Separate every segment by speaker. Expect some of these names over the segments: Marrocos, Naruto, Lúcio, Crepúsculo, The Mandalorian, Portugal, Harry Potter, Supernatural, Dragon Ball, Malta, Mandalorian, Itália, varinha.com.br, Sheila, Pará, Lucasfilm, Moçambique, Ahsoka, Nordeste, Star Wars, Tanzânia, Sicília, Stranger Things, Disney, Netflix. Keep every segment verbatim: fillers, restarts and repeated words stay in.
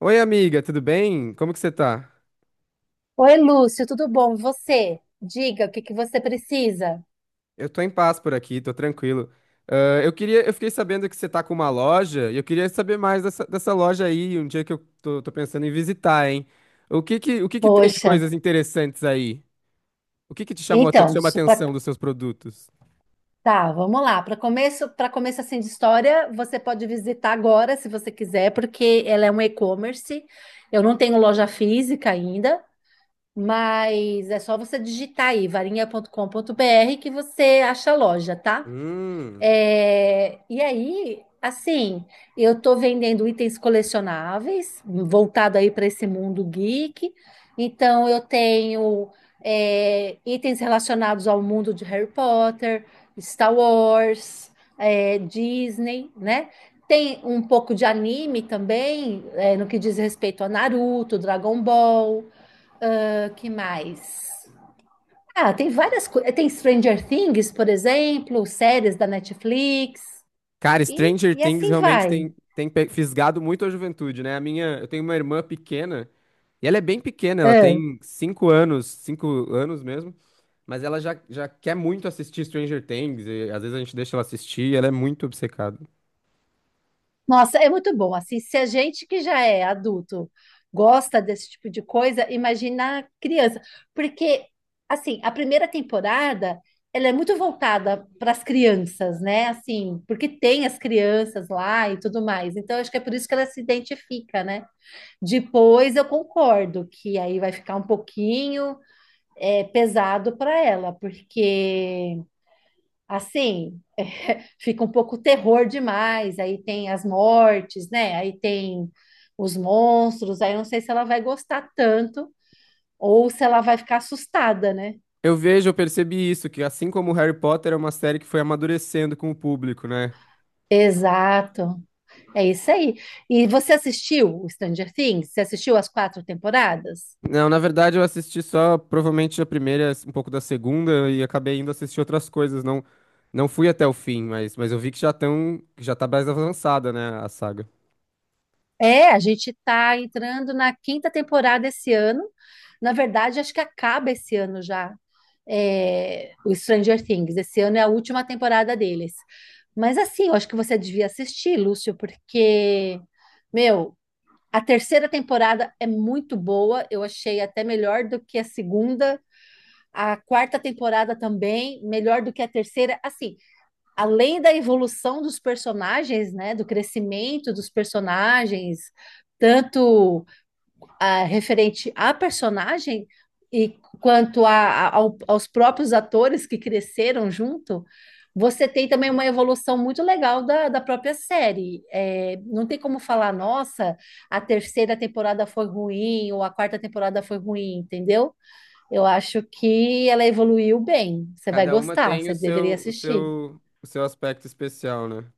Speaker 1: Oi, amiga, tudo bem? Como que você tá?
Speaker 2: Oi, Lúcio, tudo bom? E Você? Diga o que que você precisa.
Speaker 1: Eu tô em paz por aqui, tô tranquilo. Ah, eu queria, eu fiquei sabendo que você tá com uma loja e eu queria saber mais dessa, dessa loja aí, um dia que eu tô, tô pensando em visitar, hein? O que que, o que que tem de
Speaker 2: Poxa,
Speaker 1: coisas interessantes aí? O que que te chamou, a te-
Speaker 2: então,
Speaker 1: chama a
Speaker 2: su- pra-
Speaker 1: atenção dos seus produtos?
Speaker 2: tá, vamos lá. Para começo, para começo assim de história, você pode visitar agora, se você quiser, porque ela é um e-commerce. Eu não tenho loja física ainda, mas é só você digitar aí varinha.com.br que você acha a loja, tá?
Speaker 1: Hum.
Speaker 2: É, e aí, assim, eu estou vendendo itens colecionáveis, voltado aí para esse mundo geek. Então, eu tenho é, itens relacionados ao mundo de Harry Potter, Star Wars, é, Disney, né? Tem um pouco de anime também, é, no que diz respeito a Naruto, Dragon Ball, ah, que mais? Ah, tem várias coisas. Tem Stranger Things, por exemplo, séries da Netflix,
Speaker 1: Cara,
Speaker 2: e,
Speaker 1: Stranger
Speaker 2: e
Speaker 1: Things
Speaker 2: assim
Speaker 1: realmente
Speaker 2: vai.
Speaker 1: tem, tem pe- fisgado muito a juventude, né? A minha, eu tenho uma irmã pequena, e ela é bem pequena, ela
Speaker 2: É.
Speaker 1: tem cinco anos, cinco anos mesmo, mas ela já, já quer muito assistir Stranger Things, e às vezes a gente deixa ela assistir, e ela é muito obcecada.
Speaker 2: Nossa, é muito bom. Assim, se a gente que já é adulto gosta desse tipo de coisa, imagina a criança. Porque, assim, a primeira temporada, ela é muito voltada para as crianças, né? Assim, porque tem as crianças lá e tudo mais. Então, acho que é por isso que ela se identifica, né? Depois eu concordo que aí vai ficar um pouquinho. é, pesado para ela, porque assim fica um pouco terror demais. Aí tem as mortes, né? Aí tem os monstros. Aí eu não sei se ela vai gostar tanto ou se ela vai ficar assustada, né?
Speaker 1: Eu vejo, eu percebi isso, que assim como Harry Potter é uma série que foi amadurecendo com o público, né?
Speaker 2: Exato, é isso aí. E você assistiu o Stranger Things? Você assistiu as quatro temporadas?
Speaker 1: Não, na verdade eu assisti só provavelmente a primeira, um pouco da segunda e acabei indo assistir outras coisas, não não fui até o fim, mas, mas eu vi que já tão, que já tá mais avançada, né, a saga.
Speaker 2: É, a gente está entrando na quinta temporada esse ano. Na verdade, acho que acaba esse ano já, é, o Stranger Things. Esse ano é a última temporada deles. Mas assim, eu acho que você devia assistir, Lúcio, porque, meu, a terceira temporada é muito boa. Eu achei até melhor do que a segunda. A quarta temporada também, melhor do que a terceira. Assim, além da evolução dos personagens, né, do crescimento dos personagens, tanto ah, referente à personagem e quanto a, a- ao- aos próprios atores que cresceram junto, você tem também uma evolução muito legal da, da própria série. É, não tem como falar, nossa, a terceira temporada foi ruim ou a quarta temporada foi ruim, entendeu? Eu acho que ela evoluiu bem. Você vai
Speaker 1: Cada uma
Speaker 2: gostar,
Speaker 1: tem o
Speaker 2: você deveria
Speaker 1: seu o
Speaker 2: assistir.
Speaker 1: seu o seu aspecto especial, né?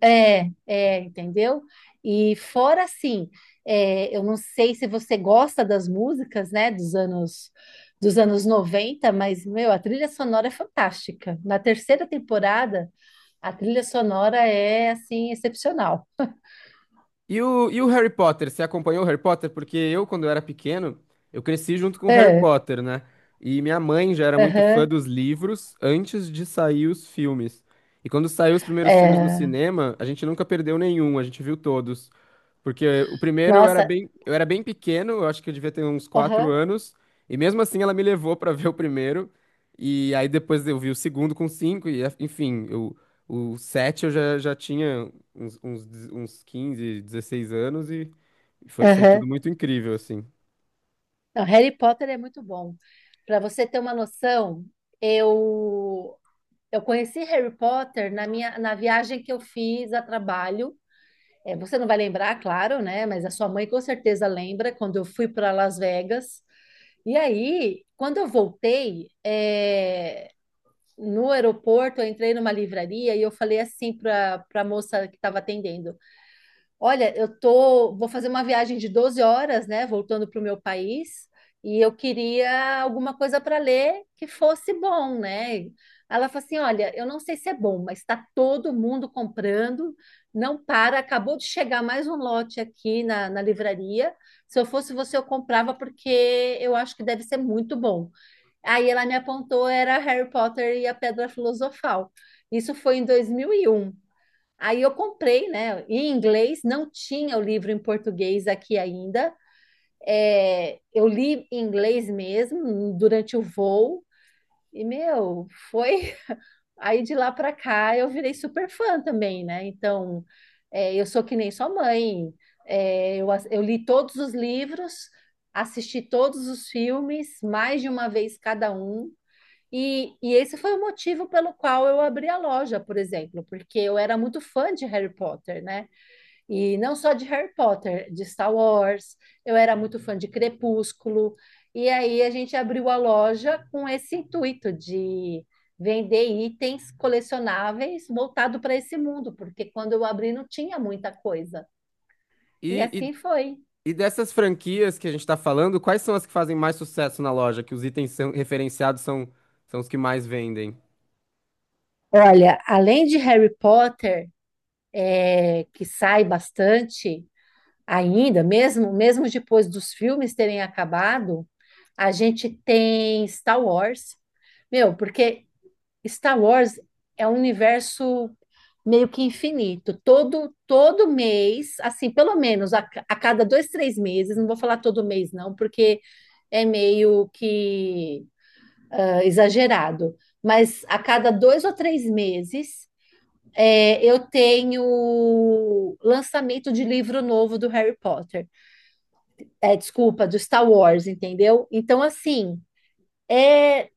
Speaker 2: É, é, entendeu? E fora assim, é, eu não sei se você gosta das músicas, né, dos anos dos anos noventa, mas meu, a trilha sonora é fantástica. Na terceira temporada, a trilha sonora é assim excepcional.
Speaker 1: E o, e o Harry Potter? Você acompanhou o Harry Potter? Porque eu, quando eu era pequeno, eu cresci junto com o Harry
Speaker 2: É,
Speaker 1: Potter, né? E minha mãe já era muito fã
Speaker 2: aham,
Speaker 1: dos livros antes de sair os filmes. E quando saiu os primeiros filmes no
Speaker 2: é,
Speaker 1: cinema, a gente nunca perdeu nenhum, a gente viu todos. Porque o primeiro eu era
Speaker 2: nossa,
Speaker 1: bem, eu era bem pequeno, eu acho que eu devia ter uns quatro
Speaker 2: aham,
Speaker 1: anos, e mesmo assim ela me levou pra ver o primeiro. E aí depois eu vi o segundo com cinco, e enfim, eu, o sete eu já, já tinha uns, uns, de- uns quinze, dezesseis anos e foi, foi
Speaker 2: aham.
Speaker 1: tudo muito incrível, assim.
Speaker 2: Não, Harry Potter é muito bom. Para você ter uma noção, eu eu conheci Harry Potter na minha na viagem que eu fiz a trabalho. É, você não vai lembrar, claro, né? Mas a sua mãe com certeza lembra quando eu fui para Las Vegas. E aí, quando eu voltei, é, no aeroporto, eu entrei numa livraria e eu falei assim para para a moça que estava atendendo: Olha, eu tô, vou fazer uma viagem de doze horas, né, voltando para o meu país, e eu queria alguma coisa para ler que fosse bom, né? Ela falou assim: Olha, eu não sei se é bom, mas está todo mundo comprando, não para. Acabou de chegar mais um lote aqui na, na livraria. Se eu fosse você, eu comprava, porque eu acho que deve ser muito bom. Aí ela me apontou: era Harry Potter e a Pedra Filosofal. Isso foi em dois mil e um. Aí eu comprei, né? Em inglês, não tinha o livro em português aqui ainda. É, eu li em inglês mesmo durante o voo. E, meu, foi. Aí de lá para cá eu virei super fã também, né? Então, é, eu sou que nem sua mãe. É, eu, ass- eu li todos os livros, assisti todos os filmes, mais de uma vez cada um. E, e esse foi o motivo pelo qual eu abri a loja, por exemplo, porque eu era muito fã de Harry Potter, né? E não só de Harry Potter, de Star Wars, eu era muito fã de Crepúsculo. E aí a gente abriu a loja com esse intuito de vender itens colecionáveis voltado para esse mundo, porque quando eu abri não tinha muita coisa. E
Speaker 1: E,
Speaker 2: assim foi.
Speaker 1: e, e dessas franquias que a gente tá falando, quais são as que fazem mais sucesso na loja? Que os itens são, referenciados são, são os que mais vendem?
Speaker 2: Olha, além de Harry Potter, é, que sai bastante ainda, mesmo, mesmo depois dos filmes terem acabado, a gente tem Star Wars. Meu, porque Star Wars é um universo meio que infinito. Todo, todo mês, assim, pelo menos a, a cada dois, três meses, não vou falar todo mês, não, porque é meio que ah, exagerado. Mas a cada dois ou três meses, é, eu tenho lançamento de livro novo do Harry Potter. É, desculpa, do Star Wars, entendeu? Então, assim. É,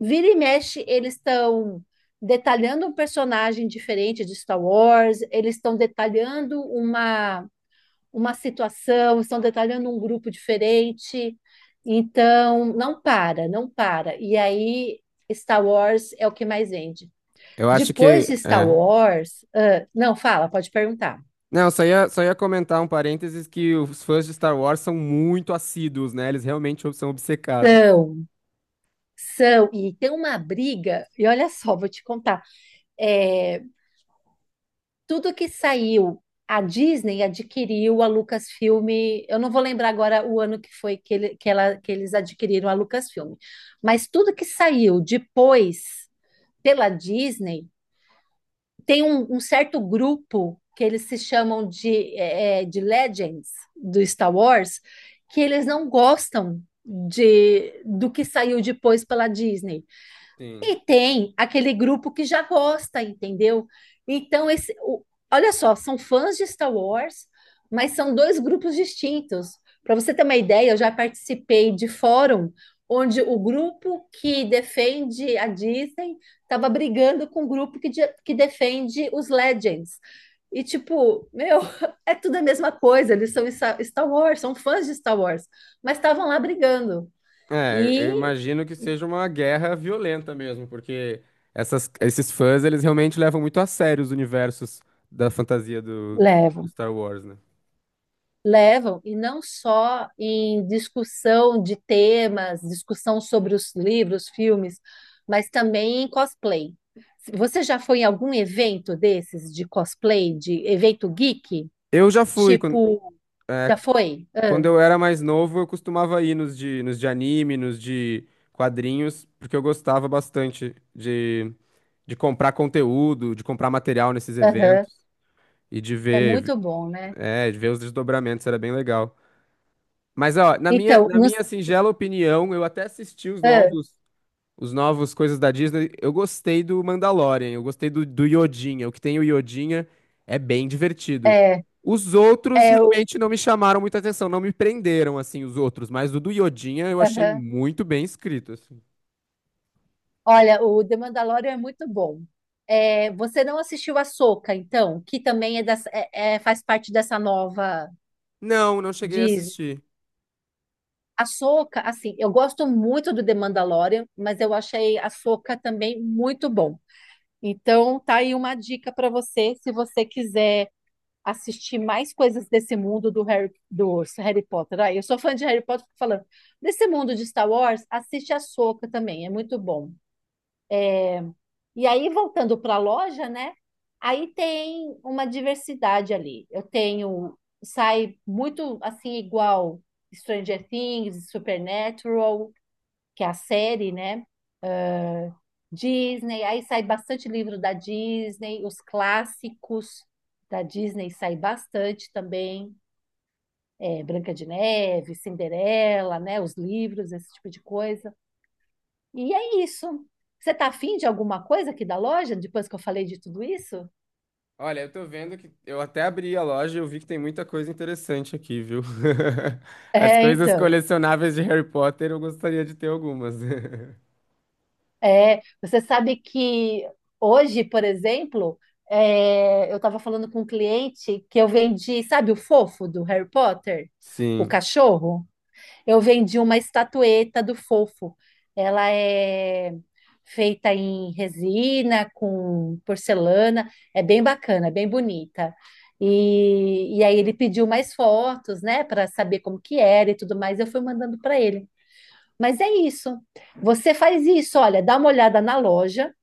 Speaker 2: Vira e mexe, eles estão detalhando um personagem diferente de Star Wars, eles estão detalhando uma, uma situação, estão detalhando um grupo diferente. Então, não para, não para. E aí, Star Wars é o que mais vende.
Speaker 1: Eu acho
Speaker 2: Depois
Speaker 1: que.
Speaker 2: de Star
Speaker 1: É.
Speaker 2: Wars, ah, não, fala, pode perguntar.
Speaker 1: Não, só ia, só ia comentar um parênteses que os fãs de Star Wars são muito assíduos, né? Eles realmente são obcecados.
Speaker 2: São, são, e tem uma briga, e olha só, vou te contar. É, Tudo que saiu, a Disney adquiriu a Lucasfilm. Eu não vou lembrar agora o ano que foi que, ele- que ela- que eles adquiriram a Lucasfilm, mas tudo que saiu depois pela Disney tem um, um certo grupo que eles se chamam de, eh, de Legends do Star Wars, que eles não gostam de do que saiu depois pela Disney.
Speaker 1: Sim.
Speaker 2: E tem aquele grupo que já gosta, entendeu? Então, esse, o- olha só, são fãs de Star Wars, mas são dois grupos distintos. Para você ter uma ideia, eu já participei de fórum onde o grupo que defende a Disney estava brigando com o grupo que, de- que defende os Legends. E tipo, meu, é tudo a mesma coisa, eles são Star Star Wars, são fãs de Star Wars, mas estavam lá brigando.
Speaker 1: É, eu
Speaker 2: E
Speaker 1: imagino que seja uma guerra violenta mesmo, porque essas, esses fãs, eles realmente levam muito a sério os universos da fantasia do, do
Speaker 2: Levo.
Speaker 1: Star Wars, né?
Speaker 2: Levam, e não só em discussão de temas, discussão sobre os livros, filmes, mas também em cosplay. Você já foi em algum evento desses de cosplay, de evento geek?
Speaker 1: Eu já fui, quando,
Speaker 2: Tipo,
Speaker 1: é,
Speaker 2: já foi?
Speaker 1: Quando
Speaker 2: Ah,
Speaker 1: eu era mais novo, eu costumava ir nos de, nos de anime, nos de quadrinhos, porque eu gostava bastante de, de comprar conteúdo, de comprar material nesses
Speaker 2: aham.
Speaker 1: eventos e de
Speaker 2: É
Speaker 1: ver,
Speaker 2: muito bom, né?
Speaker 1: é, de ver os desdobramentos, era bem legal. Mas, ó, na minha,
Speaker 2: Então,
Speaker 1: na
Speaker 2: nos,
Speaker 1: minha singela opinião, eu até assisti os
Speaker 2: ah,
Speaker 1: novos Os novos coisas da Disney, eu gostei do Mandalorian, eu gostei do, do Yodinha. O que tem o Yodinha é é bem divertido.
Speaker 2: é,
Speaker 1: Os outros
Speaker 2: é o.
Speaker 1: realmente não me chamaram muita atenção, não me prenderam, assim, os outros. Mas o do Yodinha eu achei
Speaker 2: Aham.
Speaker 1: muito bem escrito, assim.
Speaker 2: Olha, o The Mandalorian é muito bom. É, você não assistiu a Ahsoka, então, que também é, dessa- é- é- faz parte dessa nova
Speaker 1: Não, não cheguei a
Speaker 2: Disney.
Speaker 1: assistir.
Speaker 2: A Soca, assim, eu gosto muito do The Mandalorian, mas eu achei a Soca também muito bom. Então, tá aí uma dica para você, se você quiser assistir mais coisas desse mundo do Harry, do Harry Potter. Ah, eu sou fã de Harry Potter, fico falando. Desse mundo de Star Wars, assiste a Soca também, é muito bom. E aí, voltando para a loja, né? Aí tem uma diversidade ali. Eu tenho, sai muito assim, igual Stranger Things, Supernatural, que é a série, né? Disney, aí sai bastante livro da Disney, os clássicos da Disney sai bastante também, é, Branca de Neve, Cinderela, né? Os livros, esse tipo de coisa. E é isso. Você tá afim de alguma coisa aqui da loja, depois que eu falei de tudo isso?
Speaker 1: Olha, eu tô vendo que eu até abri a loja e eu vi que tem muita coisa interessante aqui, viu? As
Speaker 2: É,
Speaker 1: coisas
Speaker 2: então.
Speaker 1: colecionáveis de Harry Potter, eu gostaria de ter algumas.
Speaker 2: É, você sabe que hoje, por exemplo, é, eu estava falando com um cliente que eu vendi, sabe o fofo do Harry Potter? O
Speaker 1: Sim.
Speaker 2: cachorro? Eu vendi uma estatueta do Fofo. Ela é feita em resina, com porcelana, é bem bacana, bem bonita. E, e aí ele pediu mais fotos, né, para saber como que era e tudo mais. Eu fui mandando para ele. Mas é isso. Você faz isso, olha, dá uma olhada na loja.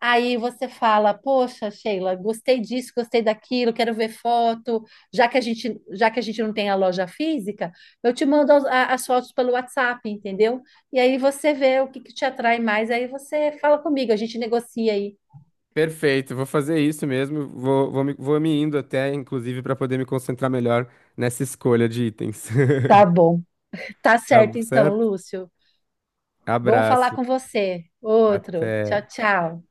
Speaker 2: Aí você fala, poxa, Sheila, gostei disso, gostei daquilo, quero ver foto. Já que a gente, já que a gente não tem a loja física, eu te mando as, a- as fotos pelo WhatsApp, entendeu? E aí você vê o que, que te atrai mais, aí você fala comigo, a gente negocia aí.
Speaker 1: Perfeito, vou fazer isso mesmo. Vou, vou, me, vou me indo até, inclusive, para poder me concentrar melhor nessa escolha de itens.
Speaker 2: Tá bom. Tá
Speaker 1: Tá
Speaker 2: certo então,
Speaker 1: certo?
Speaker 2: Lúcio. Bom falar
Speaker 1: Abraço,
Speaker 2: com você. Outro. Tchau,
Speaker 1: até.
Speaker 2: tchau.